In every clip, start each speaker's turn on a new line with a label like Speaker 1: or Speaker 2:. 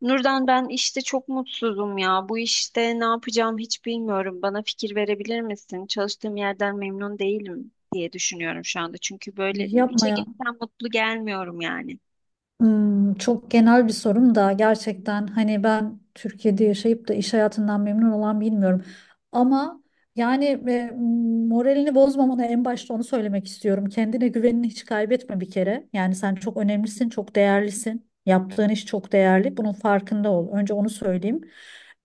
Speaker 1: Nurdan ben işte çok mutsuzum ya. Bu işte ne yapacağım hiç bilmiyorum. Bana fikir verebilir misin? Çalıştığım yerden memnun değilim diye düşünüyorum şu anda. Çünkü böyle
Speaker 2: Yapma
Speaker 1: işe
Speaker 2: ya.
Speaker 1: gitsem mutlu gelmiyorum yani.
Speaker 2: Hmm, çok genel bir sorum da gerçekten hani ben Türkiye'de yaşayıp da iş hayatından memnun olan bilmiyorum. Ama yani e, moralini bozmamana en başta onu söylemek istiyorum. Kendine güvenini hiç kaybetme bir kere. Yani sen çok önemlisin, çok değerlisin. Yaptığın iş çok değerli. Bunun farkında ol. Önce onu söyleyeyim.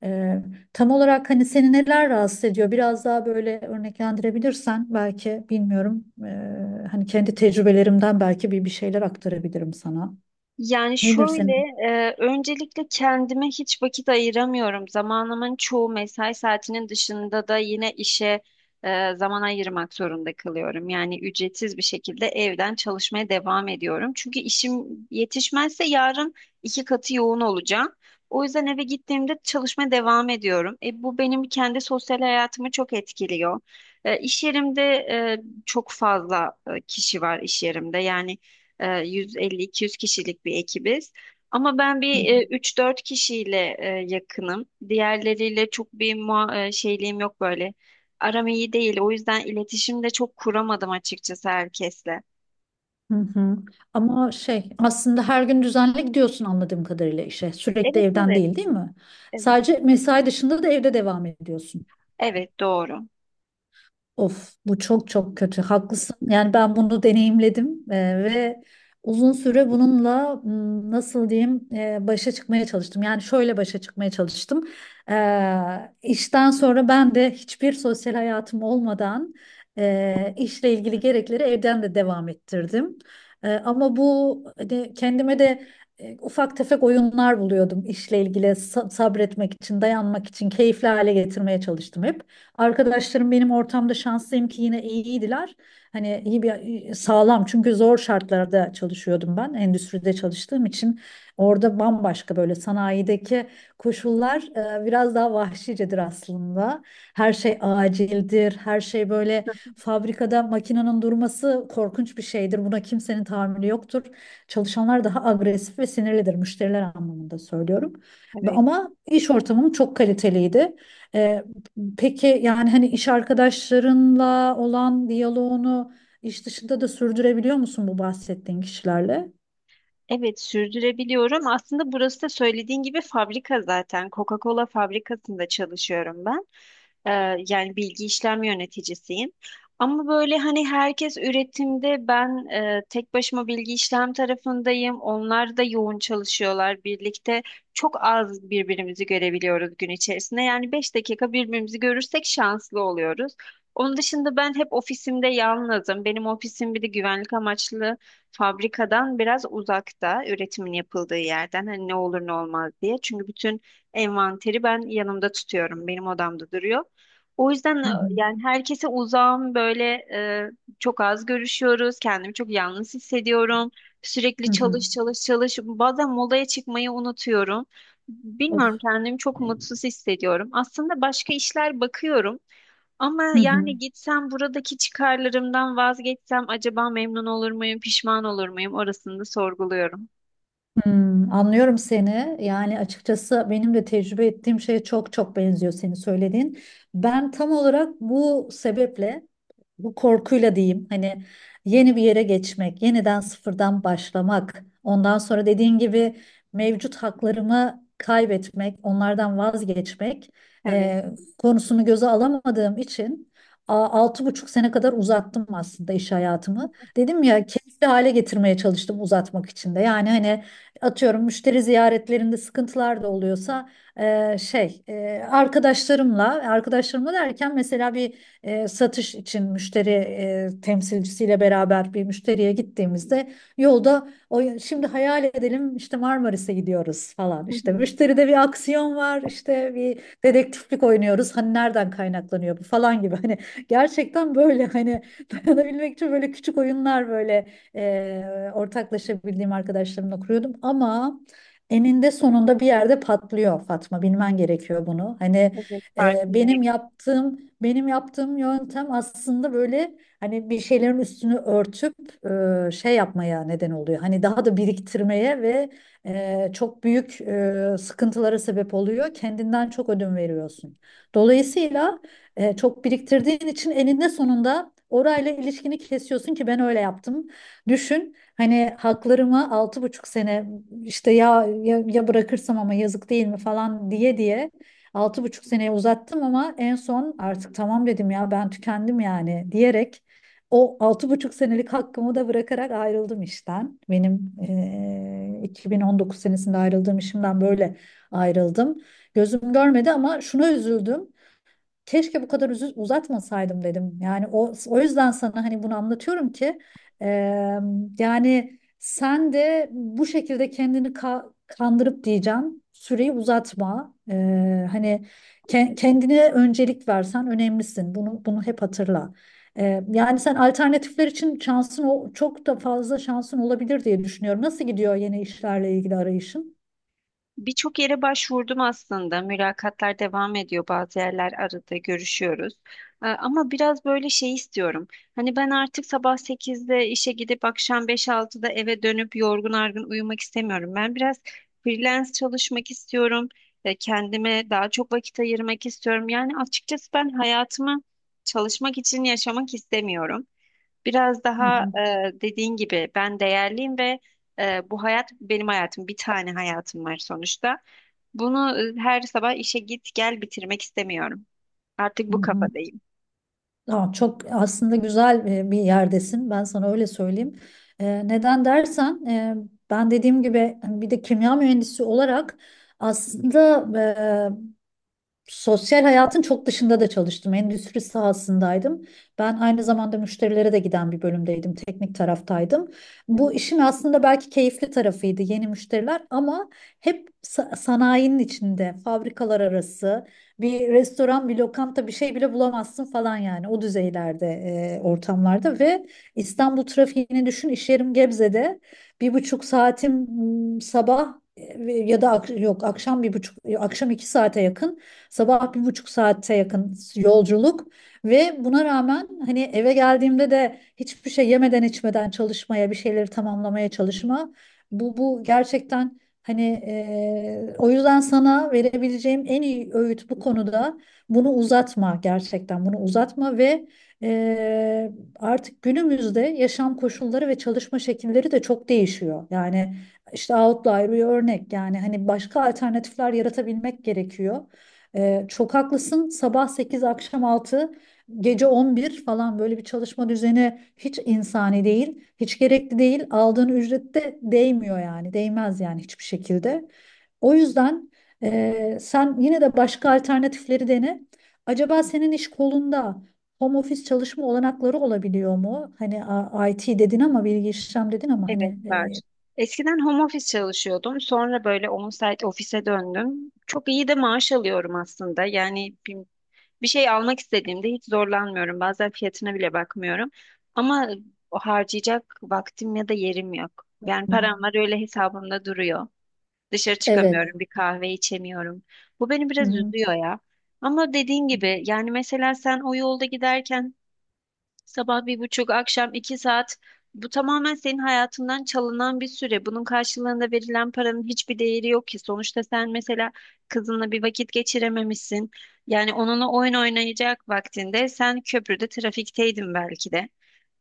Speaker 2: E, Tam olarak hani seni neler rahatsız ediyor? Biraz daha böyle örneklendirebilirsen belki bilmiyorum. Hani kendi tecrübelerimden belki bir şeyler aktarabilirim sana.
Speaker 1: Yani
Speaker 2: Nedir
Speaker 1: şöyle,
Speaker 2: senin?
Speaker 1: öncelikle kendime hiç vakit ayıramıyorum. Zamanımın çoğu mesai saatinin dışında da yine işe zaman ayırmak zorunda kalıyorum. Yani ücretsiz bir şekilde evden çalışmaya devam ediyorum. Çünkü işim yetişmezse yarın iki katı yoğun olacağım. O yüzden eve gittiğimde çalışmaya devam ediyorum. Bu benim kendi sosyal hayatımı çok etkiliyor. İş yerimde çok fazla kişi var iş yerimde. Yani 150-200 kişilik bir ekibiz. Ama ben
Speaker 2: Hı
Speaker 1: bir 3-4 kişiyle yakınım. Diğerleriyle çok bir şeyliğim yok böyle. Aram iyi değil. O yüzden iletişim de çok kuramadım açıkçası herkesle.
Speaker 2: hı. Hı. Ama şey aslında her gün düzenli gidiyorsun anladığım kadarıyla işe. Sürekli
Speaker 1: Evet,
Speaker 2: evden
Speaker 1: evet,
Speaker 2: değil, değil mi?
Speaker 1: evet.
Speaker 2: Sadece mesai dışında da evde devam ediyorsun.
Speaker 1: Evet, doğru.
Speaker 2: Of bu çok çok kötü. Haklısın. Yani ben bunu deneyimledim ve uzun süre bununla nasıl diyeyim, başa çıkmaya çalıştım. Yani şöyle başa çıkmaya çalıştım. E, işten sonra ben de hiçbir sosyal hayatım olmadan, işle ilgili gerekleri evden de devam ettirdim. Ama bu hani kendime de ufak tefek oyunlar buluyordum işle ilgili sabretmek için, dayanmak için, keyifli hale getirmeye çalıştım hep. Arkadaşlarım benim ortamda şanslıyım ki yine iyiydiler. Hani iyi bir sağlam çünkü zor şartlarda çalışıyordum ben. Endüstride çalıştığım için orada bambaşka böyle sanayideki koşullar biraz daha vahşicedir aslında. Her şey acildir. Her şey böyle fabrikada makinenin durması korkunç bir şeydir. Buna kimsenin tahammülü yoktur. Çalışanlar daha agresif ve sinirlidir, müşteriler anlamında söylüyorum.
Speaker 1: Evet.
Speaker 2: Ama iş ortamım çok kaliteliydi. Ee, Peki yani hani iş arkadaşlarınla olan diyaloğunu iş dışında da sürdürebiliyor musun bu bahsettiğin kişilerle?
Speaker 1: Evet, sürdürebiliyorum. Aslında burası da söylediğin gibi fabrika zaten. Coca-Cola fabrikasında çalışıyorum ben. Yani bilgi işlem yöneticisiyim. Ama böyle hani herkes üretimde, ben tek başıma bilgi işlem tarafındayım. Onlar da yoğun çalışıyorlar birlikte. Çok az birbirimizi görebiliyoruz gün içerisinde. Yani 5 dakika birbirimizi görürsek şanslı oluyoruz. Onun dışında ben hep ofisimde yalnızım. Benim ofisim bir de güvenlik amaçlı fabrikadan biraz uzakta, üretimin yapıldığı yerden hani ne olur ne olmaz diye. Çünkü bütün envanteri ben yanımda tutuyorum. Benim odamda duruyor. O yüzden e,
Speaker 2: Hı hı.
Speaker 1: yani herkese uzağım böyle, e, çok az görüşüyoruz. Kendimi çok yalnız hissediyorum. Sürekli
Speaker 2: Hı hı.
Speaker 1: çalış çalış çalış. Bazen molaya çıkmayı unutuyorum.
Speaker 2: Of.
Speaker 1: Bilmiyorum, kendimi çok mutsuz hissediyorum. Aslında başka işler bakıyorum. Ama
Speaker 2: Hı hı.
Speaker 1: yani gitsem buradaki çıkarlarımdan vazgeçsem acaba memnun olur muyum, pişman olur muyum? Orasını da sorguluyorum.
Speaker 2: Hmm, anlıyorum seni. Yani açıkçası benim de tecrübe ettiğim şeye çok çok benziyor senin söylediğin. Ben tam olarak bu sebeple, bu korkuyla diyeyim, hani yeni bir yere geçmek, yeniden sıfırdan başlamak, ondan sonra dediğin gibi mevcut haklarımı kaybetmek, onlardan vazgeçmek
Speaker 1: Evet.
Speaker 2: e, konusunu göze alamadığım için altı buçuk sene kadar uzattım aslında iş hayatımı. Dedim ya keyifli hale getirmeye çalıştım uzatmak için de. Yani hani atıyorum, müşteri ziyaretlerinde sıkıntılar da oluyorsa, arkadaşlarımla derken mesela bir satış için müşteri temsilcisiyle beraber bir müşteriye gittiğimizde yolda, o şimdi hayal edelim işte Marmaris'e gidiyoruz falan,
Speaker 1: Hı
Speaker 2: işte
Speaker 1: hı.
Speaker 2: müşteride bir aksiyon var, işte bir dedektiflik oynuyoruz hani nereden kaynaklanıyor bu falan gibi hani, gerçekten böyle hani dayanabilmek için böyle küçük oyunlar böyle ortaklaşabildiğim arkadaşlarımla kuruyordum ama eninde sonunda bir yerde patlıyor Fatma, bilmen gerekiyor bunu hani.
Speaker 1: Evet,
Speaker 2: e, benim
Speaker 1: farkındayım.
Speaker 2: yaptığım benim yaptığım yöntem aslında böyle hani bir şeylerin üstünü örtüp, şey yapmaya neden oluyor. Hani daha da biriktirmeye ve çok büyük sıkıntılara sebep oluyor. Kendinden çok ödün veriyorsun. Dolayısıyla, çok biriktirdiğin için eninde sonunda orayla ilişkini kesiyorsun ki ben öyle yaptım. Düşün hani haklarımı altı buçuk sene işte ya bırakırsam ama yazık değil mi falan diye diye altı buçuk seneye uzattım ama en son artık tamam dedim ya, ben tükendim yani diyerek o altı buçuk senelik hakkımı da bırakarak ayrıldım işten. Benim 2019 senesinde ayrıldığım işimden böyle ayrıldım. Gözüm görmedi ama şuna üzüldüm, keşke bu kadar uzatmasaydım dedim. Yani o o yüzden sana hani bunu anlatıyorum ki e, yani sen de bu şekilde kendini kandırıp diyeceğim süreyi uzatma. Hani kendine öncelik versen, önemlisin. Bunu hep hatırla. Yani sen, alternatifler için şansın, o çok da fazla şansın olabilir diye düşünüyorum. Nasıl gidiyor yeni işlerle ilgili arayışın?
Speaker 1: Birçok yere başvurdum aslında. Mülakatlar devam ediyor. Bazı yerler aradı, görüşüyoruz. Ama biraz böyle şey istiyorum. Hani ben artık sabah 8'de işe gidip akşam 5-6'da eve dönüp yorgun argın uyumak istemiyorum. Ben biraz freelance çalışmak istiyorum. Kendime daha çok vakit ayırmak istiyorum. Yani açıkçası ben hayatımı çalışmak için yaşamak istemiyorum. Biraz
Speaker 2: Hı
Speaker 1: daha
Speaker 2: hı,
Speaker 1: dediğin gibi ben değerliyim ve bu hayat benim hayatım. Bir tane hayatım var sonuçta. Bunu her sabah işe git gel bitirmek istemiyorum. Artık
Speaker 2: hı
Speaker 1: bu
Speaker 2: hı.
Speaker 1: kafadayım.
Speaker 2: Aa, çok aslında güzel bir yerdesin. Ben sana öyle söyleyeyim. Neden dersen, ben dediğim gibi hani bir de kimya mühendisi olarak aslında sosyal hayatın çok dışında da çalıştım. Endüstri sahasındaydım. Ben aynı zamanda müşterilere de giden bir bölümdeydim. Teknik taraftaydım. Bu işin aslında belki keyifli tarafıydı yeni müşteriler, ama hep sanayinin içinde, fabrikalar arası, bir restoran, bir lokanta, bir şey bile bulamazsın falan yani o düzeylerde, ortamlarda ve İstanbul trafiğini düşün. İş yerim Gebze'de. Bir buçuk saatim, sabah ya da yok akşam bir buçuk, akşam iki saate yakın, sabah bir buçuk saate yakın yolculuk ve buna rağmen hani eve geldiğimde de hiçbir şey yemeden içmeden çalışmaya, bir şeyleri tamamlamaya çalışma. Bu gerçekten hani, o yüzden sana verebileceğim en iyi öğüt bu konuda, bunu uzatma gerçekten, bunu uzatma ve e, artık günümüzde yaşam koşulları ve çalışma şekilleri de çok değişiyor. Yani işte outlier bir örnek, yani hani başka alternatifler yaratabilmek gerekiyor. Çok haklısın. Sabah 8, akşam 6, gece 11 falan, böyle bir çalışma düzeni hiç insani değil, hiç gerekli değil. Aldığın ücret de değmiyor yani, değmez yani hiçbir şekilde. O yüzden sen yine de başka alternatifleri dene. Acaba senin iş kolunda home office çalışma olanakları olabiliyor mu? Hani IT dedin, ama bilgi işlem dedin ama
Speaker 1: Evet, evet,
Speaker 2: hani
Speaker 1: var. Eskiden home office çalışıyordum. Sonra böyle 10 saat ofise döndüm. Çok iyi de maaş alıyorum aslında. Bir şey almak istediğimde hiç zorlanmıyorum. Bazen fiyatına bile bakmıyorum. Ama o harcayacak vaktim ya da yerim yok. Yani param
Speaker 2: e,
Speaker 1: var, öyle hesabımda duruyor. Dışarı
Speaker 2: evet.
Speaker 1: çıkamıyorum, bir kahve içemiyorum. Bu beni
Speaker 2: Hı
Speaker 1: biraz
Speaker 2: hı.
Speaker 1: üzüyor ya. Ama dediğin gibi, yani mesela sen o yolda giderken sabah 1,5, akşam 2 saat. Bu tamamen senin hayatından çalınan bir süre. Bunun karşılığında verilen paranın hiçbir değeri yok ki. Sonuçta sen mesela kızınla bir vakit geçirememişsin. Yani onunla oyun oynayacak vaktinde sen köprüde trafikteydin belki de.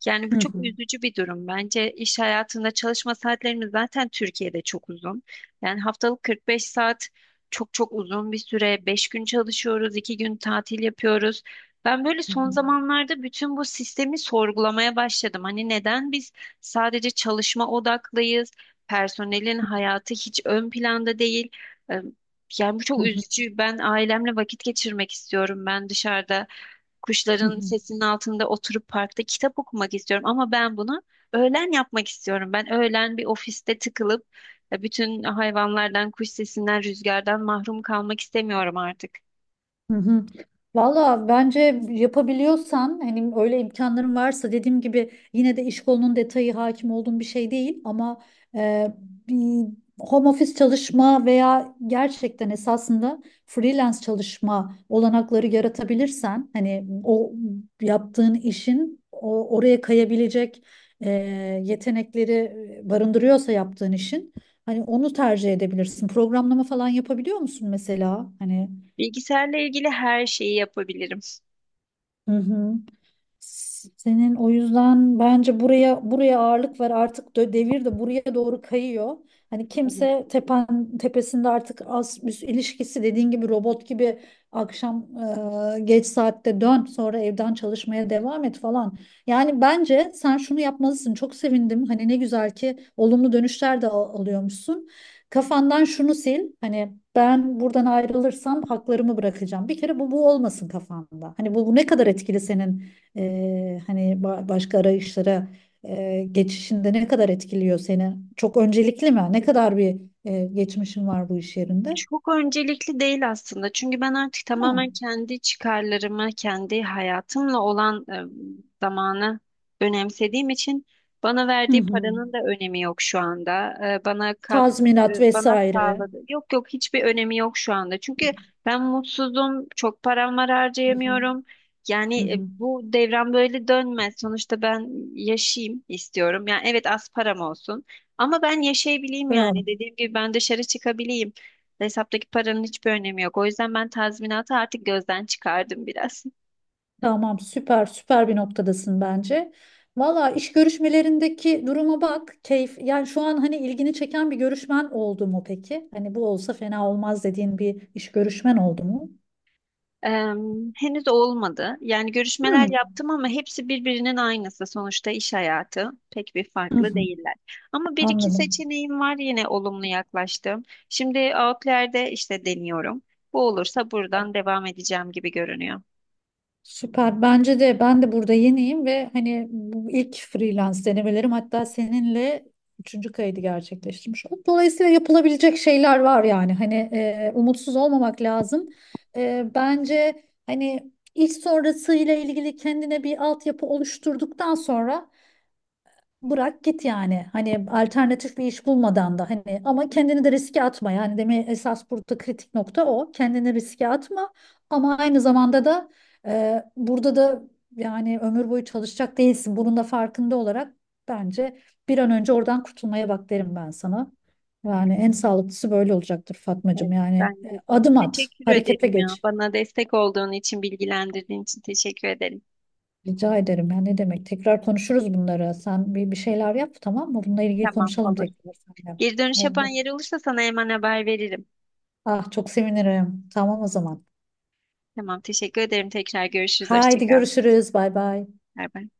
Speaker 1: Yani bu
Speaker 2: Hı
Speaker 1: çok
Speaker 2: hı.
Speaker 1: üzücü bir durum. Bence iş hayatında çalışma saatlerimiz zaten Türkiye'de çok uzun. Yani haftalık 45 saat çok çok uzun bir süre. 5 gün çalışıyoruz, 2 gün tatil yapıyoruz. Ben böyle
Speaker 2: Hı
Speaker 1: son
Speaker 2: hı.
Speaker 1: zamanlarda bütün bu sistemi sorgulamaya başladım. Hani neden biz sadece çalışma odaklıyız, personelin hayatı hiç ön planda değil. Ee, Yani bu
Speaker 2: Hı
Speaker 1: çok
Speaker 2: hı.
Speaker 1: üzücü. Ben ailemle vakit geçirmek istiyorum. Ben dışarıda
Speaker 2: Hı
Speaker 1: kuşların
Speaker 2: hı.
Speaker 1: sesinin altında oturup parkta kitap okumak istiyorum. Ama ben bunu öğlen yapmak istiyorum. Ben öğlen bir ofiste tıkılıp bütün hayvanlardan, kuş sesinden, rüzgardan mahrum kalmak istemiyorum artık.
Speaker 2: Hı hı. Valla bence yapabiliyorsan, hani öyle imkanların varsa, dediğim gibi yine de iş kolunun detayı hakim olduğum bir şey değil ama e, bir home office çalışma veya gerçekten esasında freelance çalışma olanakları yaratabilirsen, hani o yaptığın işin o oraya kayabilecek e, yetenekleri barındırıyorsa yaptığın işin, hani onu tercih edebilirsin. Programlama falan yapabiliyor musun mesela? Hani
Speaker 1: Bilgisayarla ilgili her şeyi yapabilirim.
Speaker 2: Hı hı. Senin o yüzden bence buraya ağırlık ver artık, devir de buraya doğru kayıyor. Hani
Speaker 1: Evet.
Speaker 2: kimse tepen tepesinde artık, az üst ilişkisi dediğin gibi robot gibi akşam geç saatte dön, sonra evden çalışmaya devam et falan. Yani bence sen şunu yapmalısın. Çok sevindim. Hani ne güzel ki olumlu dönüşler de alıyormuşsun. Kafandan şunu sil. Hani ben buradan ayrılırsam haklarımı bırakacağım. Bir kere bu olmasın kafanda. Hani bu ne kadar etkili senin. Hani başka arayışlara geçişinde ne kadar etkiliyor seni? Çok öncelikli mi? Ne kadar bir geçmişin var bu iş yerinde?
Speaker 1: Çok öncelikli değil aslında. Çünkü ben artık
Speaker 2: Ha.
Speaker 1: tamamen kendi çıkarlarımı, kendi hayatımla olan zamanı önemsediğim için bana
Speaker 2: Hı
Speaker 1: verdiği
Speaker 2: hı.
Speaker 1: paranın da önemi yok şu anda. E, bana kat e,
Speaker 2: Tazminat
Speaker 1: Bana
Speaker 2: vesaire.
Speaker 1: sağladı. Yok, yok, hiçbir önemi yok şu anda. Çünkü ben mutsuzum, çok param var,
Speaker 2: Hı hı.
Speaker 1: harcayamıyorum. Yani
Speaker 2: Hı hı.
Speaker 1: bu devran böyle dönmez. Sonuçta ben yaşayayım istiyorum. Yani evet, az param olsun. Ama ben yaşayabileyim
Speaker 2: Bravo.
Speaker 1: yani. Dediğim gibi ben dışarı çıkabileyim. Hesaptaki paranın hiçbir önemi yok. O yüzden ben tazminatı artık gözden çıkardım biraz.
Speaker 2: Tamam, süper bir noktadasın bence. Valla iş görüşmelerindeki duruma bak. Keyif, yani şu an hani ilgini çeken bir görüşmen oldu mu peki? Hani bu olsa fena olmaz dediğin bir iş görüşmen oldu mu?
Speaker 1: Eee, Henüz olmadı. Yani görüşmeler
Speaker 2: Hmm.
Speaker 1: yaptım ama hepsi birbirinin aynısı. Sonuçta iş hayatı pek bir
Speaker 2: Hı
Speaker 1: farklı
Speaker 2: hı.
Speaker 1: değiller. Ama bir iki
Speaker 2: Anladım.
Speaker 1: seçeneğim var, yine olumlu yaklaştım. Şimdi Outlier'de işte deniyorum. Bu olursa buradan devam edeceğim gibi görünüyor.
Speaker 2: Süper. Bence de, ben de burada yeniyim ve hani bu ilk freelance denemelerim, hatta seninle üçüncü kaydı gerçekleştirmiş oldum. Dolayısıyla yapılabilecek şeyler var yani. Hani umutsuz olmamak lazım. Bence hani iş sonrası ile ilgili kendine bir altyapı oluşturduktan sonra bırak git yani. Hani alternatif bir iş bulmadan da hani, ama kendini de riske atma. Yani deme, esas burada kritik nokta o. Kendini riske atma, ama aynı zamanda da burada da yani ömür boyu çalışacak değilsin. Bunun da farkında olarak bence bir an önce oradan kurtulmaya bak derim ben sana. Yani en sağlıklısı böyle olacaktır
Speaker 1: Evet,
Speaker 2: Fatmacığım. Yani
Speaker 1: bence de.
Speaker 2: adım at,
Speaker 1: Teşekkür
Speaker 2: harekete
Speaker 1: ederim ya.
Speaker 2: geç.
Speaker 1: Bana destek olduğun için, bilgilendirdiğin için teşekkür ederim.
Speaker 2: Rica ederim. Ya ne demek? Tekrar konuşuruz bunları. Sen bir şeyler yap, tamam mı? Bununla ilgili
Speaker 1: Tamam,
Speaker 2: konuşalım
Speaker 1: olur.
Speaker 2: tekrar seninle.
Speaker 1: Geri dönüş yapan
Speaker 2: Oldu.
Speaker 1: yer olursa sana hemen haber veririm.
Speaker 2: Ah çok sevinirim. Tamam o zaman.
Speaker 1: Tamam, teşekkür ederim. Tekrar görüşürüz. Hoşça
Speaker 2: Haydi
Speaker 1: kal.
Speaker 2: görüşürüz. Bay bay.
Speaker 1: Bay bay.